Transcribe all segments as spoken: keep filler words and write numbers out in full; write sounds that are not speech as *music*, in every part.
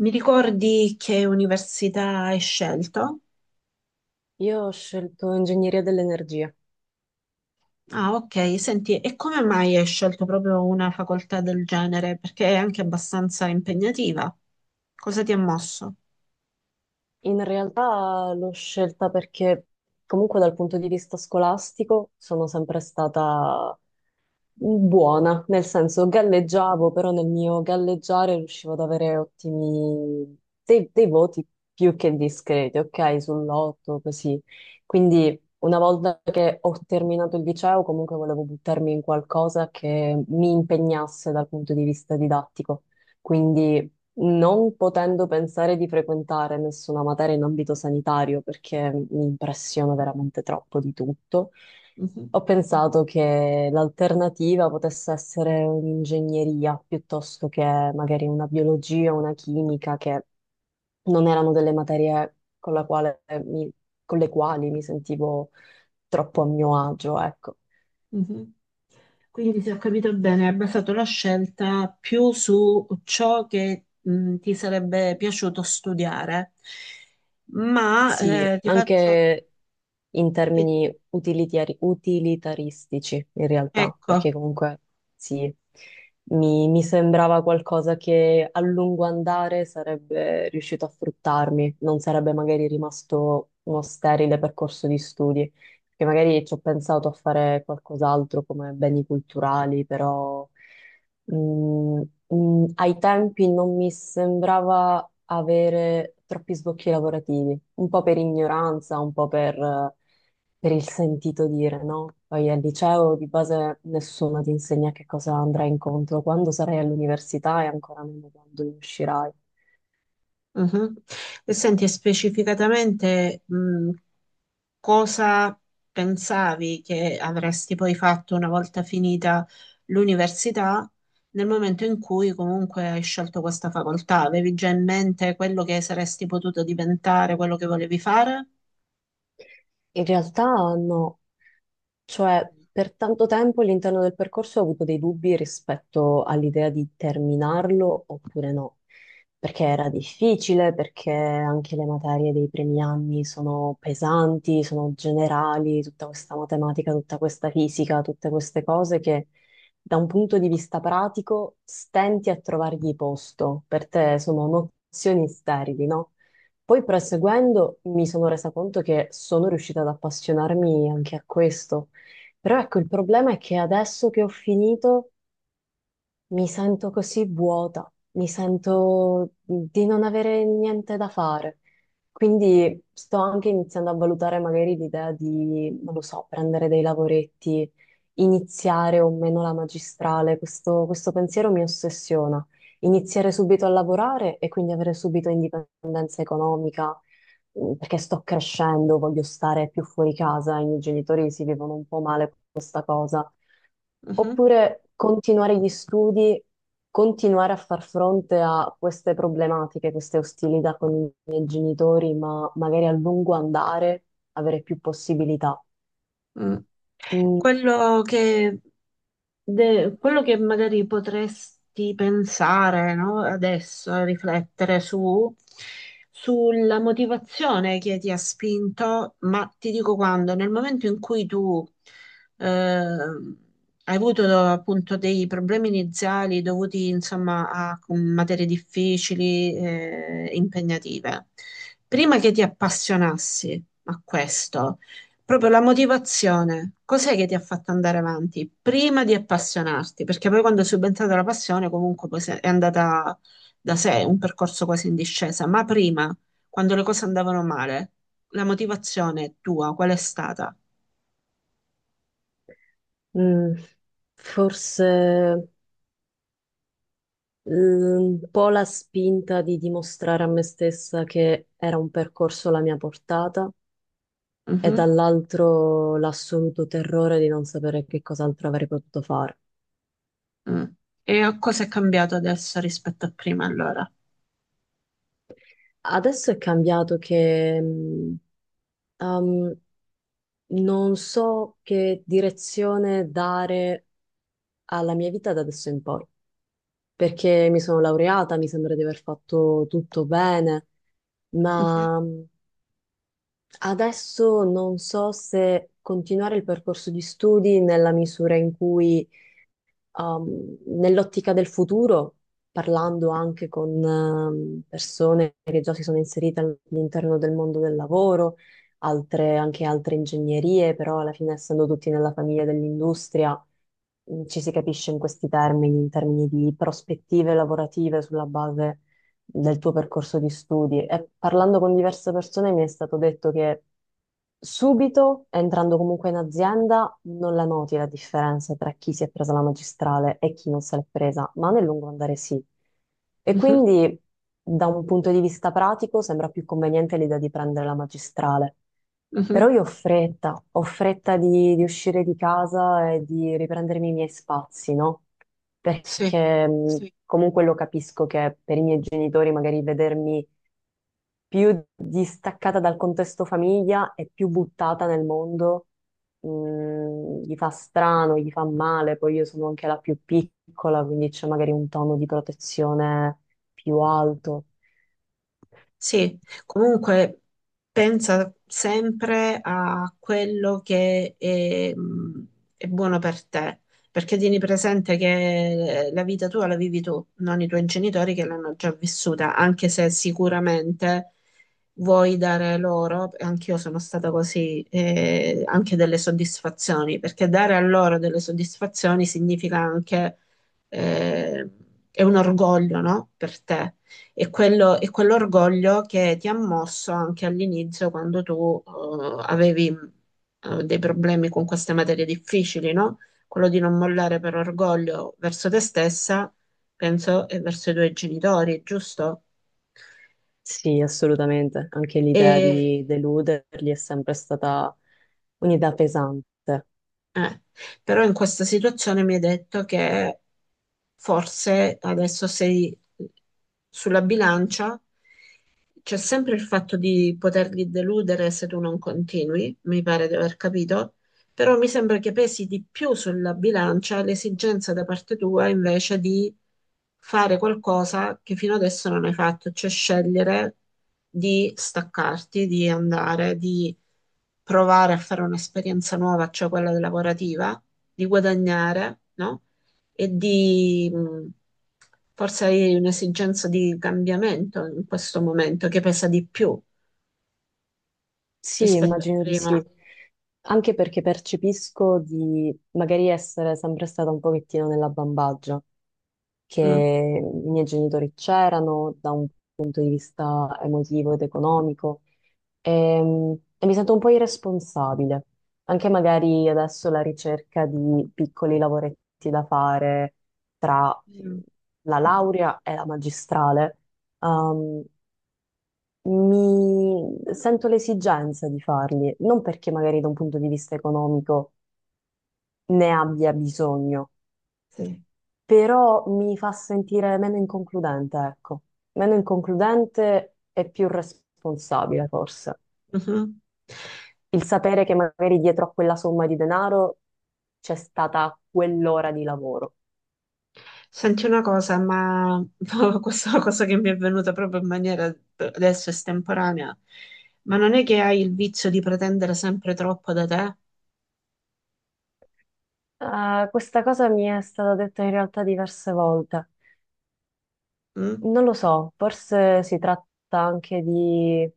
Mi ricordi che università hai scelto? Io ho scelto ingegneria dell'energia. Ah, ok, senti, e come mai hai scelto proprio una facoltà del genere? Perché è anche abbastanza impegnativa. Cosa ti ha mosso? In realtà l'ho scelta perché comunque dal punto di vista scolastico sono sempre stata buona, nel senso galleggiavo, però nel mio galleggiare riuscivo ad avere ottimi dei, dei voti più che discreti, ok? Sull'otto, così. Quindi una volta che ho terminato il liceo, comunque volevo buttarmi in qualcosa che mi impegnasse dal punto di vista didattico. Quindi non potendo pensare di frequentare nessuna materia in ambito sanitario, perché mi impressiona veramente troppo di tutto. Mhm. Ho pensato che l'alternativa potesse essere un'ingegneria piuttosto che magari una biologia o una chimica, che non erano delle materie con la quale mi- con le quali mi sentivo troppo a mio agio, ecco. Mhm. Quindi, se ho capito bene, hai basato la scelta più su ciò che mh, ti sarebbe piaciuto studiare. Ma Sì, eh, ti faccio. anche in termini utilitari- utilitaristici, in realtà, Ecco. perché comunque sì, mi, mi sembrava qualcosa che a lungo andare sarebbe riuscito a fruttarmi, non sarebbe magari rimasto uno sterile percorso di studi, perché magari ci ho pensato a fare qualcos'altro come beni culturali, però. Mm, mm, ai tempi non mi sembrava avere troppi sbocchi lavorativi, un po' per ignoranza, un po' per, eh, per il sentito dire, no? Poi al liceo di base nessuno ti insegna che cosa andrai incontro, quando sarai all'università e ancora meno quando ne uscirai. Mhm. E senti, e specificatamente, mh, cosa pensavi che avresti poi fatto una volta finita l'università, nel momento in cui comunque hai scelto questa facoltà? Avevi già in mente quello che saresti potuto diventare, quello che volevi fare? In realtà no, cioè, per tanto tempo all'interno del percorso ho avuto dei dubbi rispetto all'idea di terminarlo oppure no, perché era difficile, perché anche le materie dei primi anni sono pesanti, sono generali, tutta questa matematica, tutta questa fisica, tutte queste cose che da un punto di vista pratico stenti a trovargli posto, per te sono nozioni sterili, no? Poi proseguendo mi sono resa conto che sono riuscita ad appassionarmi anche a questo, però ecco, il problema è che adesso che ho finito, mi sento così vuota, mi sento mhmm, di non avere niente da fare. Quindi sto anche iniziando a valutare magari l'idea di, non lo so, prendere dei lavoretti, iniziare o meno la magistrale. Questo, questo pensiero mi ossessiona. Iniziare subito a lavorare e quindi avere subito indipendenza economica, mm, perché sto crescendo, voglio stare più fuori casa. I miei genitori si vivono un po' male con questa cosa. Mhm. Oppure continuare gli studi, continuare a far fronte a queste problematiche, queste ostilità con i miei genitori, ma magari a lungo andare avere più possibilità. Mm. Mm, Quello che, de- quello che magari potresti pensare, no, adesso, riflettere su, sulla motivazione che ti ha spinto, ma ti dico quando, nel momento in cui tu eh, hai avuto appunto dei problemi iniziali dovuti insomma a materie difficili, eh, impegnative, prima che ti appassionassi a questo. Proprio la motivazione, cos'è che ti ha fatto andare avanti prima di appassionarti? Perché poi quando è subentrata la passione, comunque poi se- è andata da sé, un percorso quasi in discesa, ma prima, quando le cose andavano male, la motivazione tua qual è stata? mm, forse mm, un po' la spinta di dimostrare a me stessa che era un percorso alla mia portata e Mhm. dall'altro l'assoluto terrore di non sapere che cos'altro avrei potuto fare. Mm. E a cosa è cambiato adesso rispetto a prima allora? Adesso è cambiato che... mm, Ehm, non so che direzione dare alla mia vita da adesso in poi, perché mi sono laureata, mi sembra di aver fatto tutto bene, Mhm. ma mm, adesso non so se continuare il percorso di studi nella misura in cui um, nell'ottica del futuro, parlando anche con um, persone che già si sono inserite all- all'interno del mondo del lavoro, altre- anche altre ingegnerie, però alla fine essendo tutti nella famiglia dell'industria, mh, ci si capisce in questi termini, in termini di prospettive lavorative sulla base del tuo percorso di studi, e parlando con diverse persone mi è stato detto che subito, entrando comunque in azienda, non la noti la differenza tra chi si è presa la magistrale e chi non se l'è presa, ma nel lungo andare sì. E Mhm. quindi, da un punto di vista pratico, sembra più conveniente l'idea di prendere la magistrale. Però Mhm. io ho fretta, ho fretta di, di uscire di casa e di riprendermi i miei spazi, no? Sì. Perché mh, sì, comunque lo capisco che per i miei genitori magari vedermi più distaccata dal contesto famiglia e più buttata nel mondo mh, gli fa strano, gli fa male, poi io sono anche la più piccola, quindi c'è magari un tono di protezione più alto. Sì, comunque pensa sempre a quello che è, mh, è buono per te, perché tieni presente che la vita tua la vivi tu, non i tuoi genitori che l'hanno già vissuta, anche se sicuramente vuoi dare loro, anch'io sono stata così, eh, anche delle soddisfazioni, perché dare a loro delle soddisfazioni significa anche eh, è un orgoglio, no? Per te e quello, e quell'orgoglio che ti ha mosso anche all'inizio quando tu eh, avevi eh, dei problemi con queste materie difficili, no? Quello di non mollare per orgoglio verso te stessa, penso, e verso i tuoi genitori, giusto? Sì, assolutamente, anche l'idea di E, deluderli è sempre stata un'idea pesante. Eh, però in questa situazione mi hai detto che forse adesso sei sulla bilancia, c'è sempre il fatto di poterli deludere se tu non continui, mi pare di aver capito, però mi sembra che pesi di più sulla bilancia l'esigenza da parte tua invece di fare qualcosa che fino adesso non hai fatto, cioè scegliere di staccarti, di andare, di provare a fare un'esperienza nuova, cioè quella lavorativa, di guadagnare, no? E di mh, forse hai un'esigenza di cambiamento in questo momento che pesa di più Sì, rispetto a immagino di prima. sì, anche perché percepisco di magari essere sempre stata un pochettino nella bambagia, che Mm. i miei genitori c'erano da un punto di vista emotivo ed economico e, e mi sento un po' irresponsabile, anche magari adesso la ricerca di piccoli lavoretti da fare tra Mm. la laurea e la magistrale. ehm, mi sento l'esigenza di farli, non perché magari da un punto di vista economico ne abbia bisogno, Sì. però mi fa sentire meno inconcludente, ecco, meno inconcludente e più responsabile forse. Mhm. Il sapere che magari dietro a quella somma di denaro c'è stata quell'ora di lavoro. Senti una cosa, ma *laughs* questa è una cosa che mi è venuta proprio in maniera adesso estemporanea, ma non è che hai il vizio di pretendere sempre troppo da te? Eh, questa cosa mi è stata detta in realtà diverse volte. Mm? Non lo so, forse si tratta anche di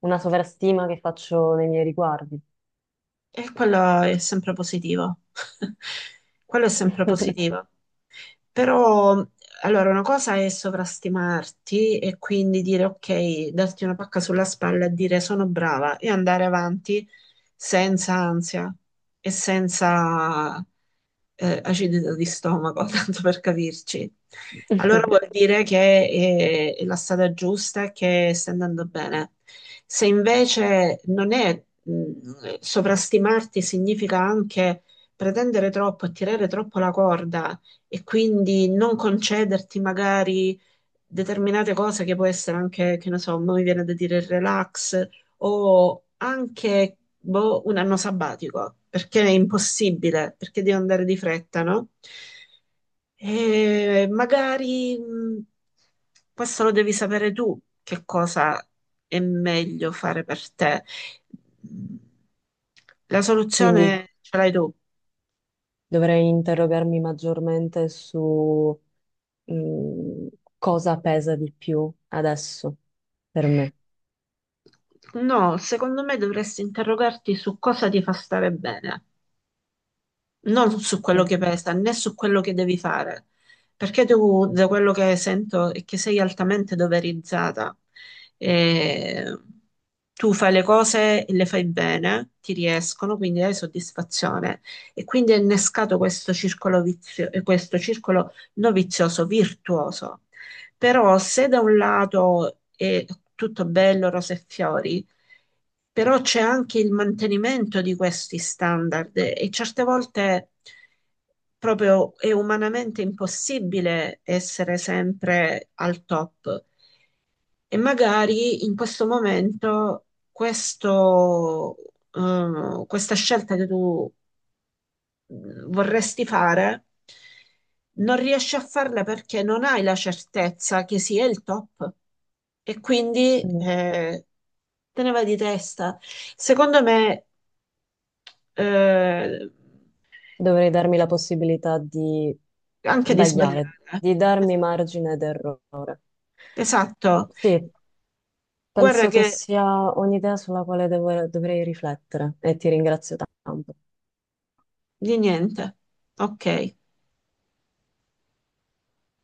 una sovrastima che faccio nei miei riguardi. E quello è sempre positivo. *laughs* Quello è sempre *laughs* positivo. Però, allora, una cosa è sovrastimarti e quindi dire ok, darti una pacca sulla spalla e dire sono brava e andare avanti senza ansia e senza eh, acidità di stomaco, *laughs* tanto per capirci. Allora vuol dire che è, è la strada giusta e che sta andando bene. Se invece non è, mh, sovrastimarti significa anche pretendere troppo e tirare troppo la corda e quindi non concederti magari determinate cose che può essere anche, che ne so, mi viene da dire il relax, o anche boh, un anno sabbatico, perché è impossibile, perché devo andare di fretta, no? E magari mh, questo lo devi sapere tu, che cosa è meglio fare per te. La Quindi soluzione ce l'hai tu. dovrei interrogarmi maggiormente su mm, cosa pesa di più adesso per me. No, secondo me dovresti interrogarti su cosa ti fa stare bene, non su quello Mm. che pesa, né su quello che devi fare, perché tu, da quello che sento, è che sei altamente doverizzata. E tu fai le cose e le fai bene, ti riescono, quindi hai soddisfazione. E quindi è innescato questo circolo vizio- eh, questo circolo non vizioso, virtuoso. Però se da un lato è tutto bello, rose e fiori, però c'è anche il mantenimento di questi standard e certe volte proprio è umanamente impossibile essere sempre al top. E magari in questo momento questo, eh, questa scelta che tu mh, vorresti fare, non riesci a farle perché non hai la certezza che sia il top e quindi Mm. eh, te ne vai di testa. Secondo me, eh, Dovrei darmi la possibilità di anche di Mm. sbagliare, sbagliare. di darmi Esatto. margine d'errore. Esatto. Sì, Guarda penso che che. sia un'idea sulla quale devo- dovrei riflettere, e ti ringrazio tanto. Di niente. Ok.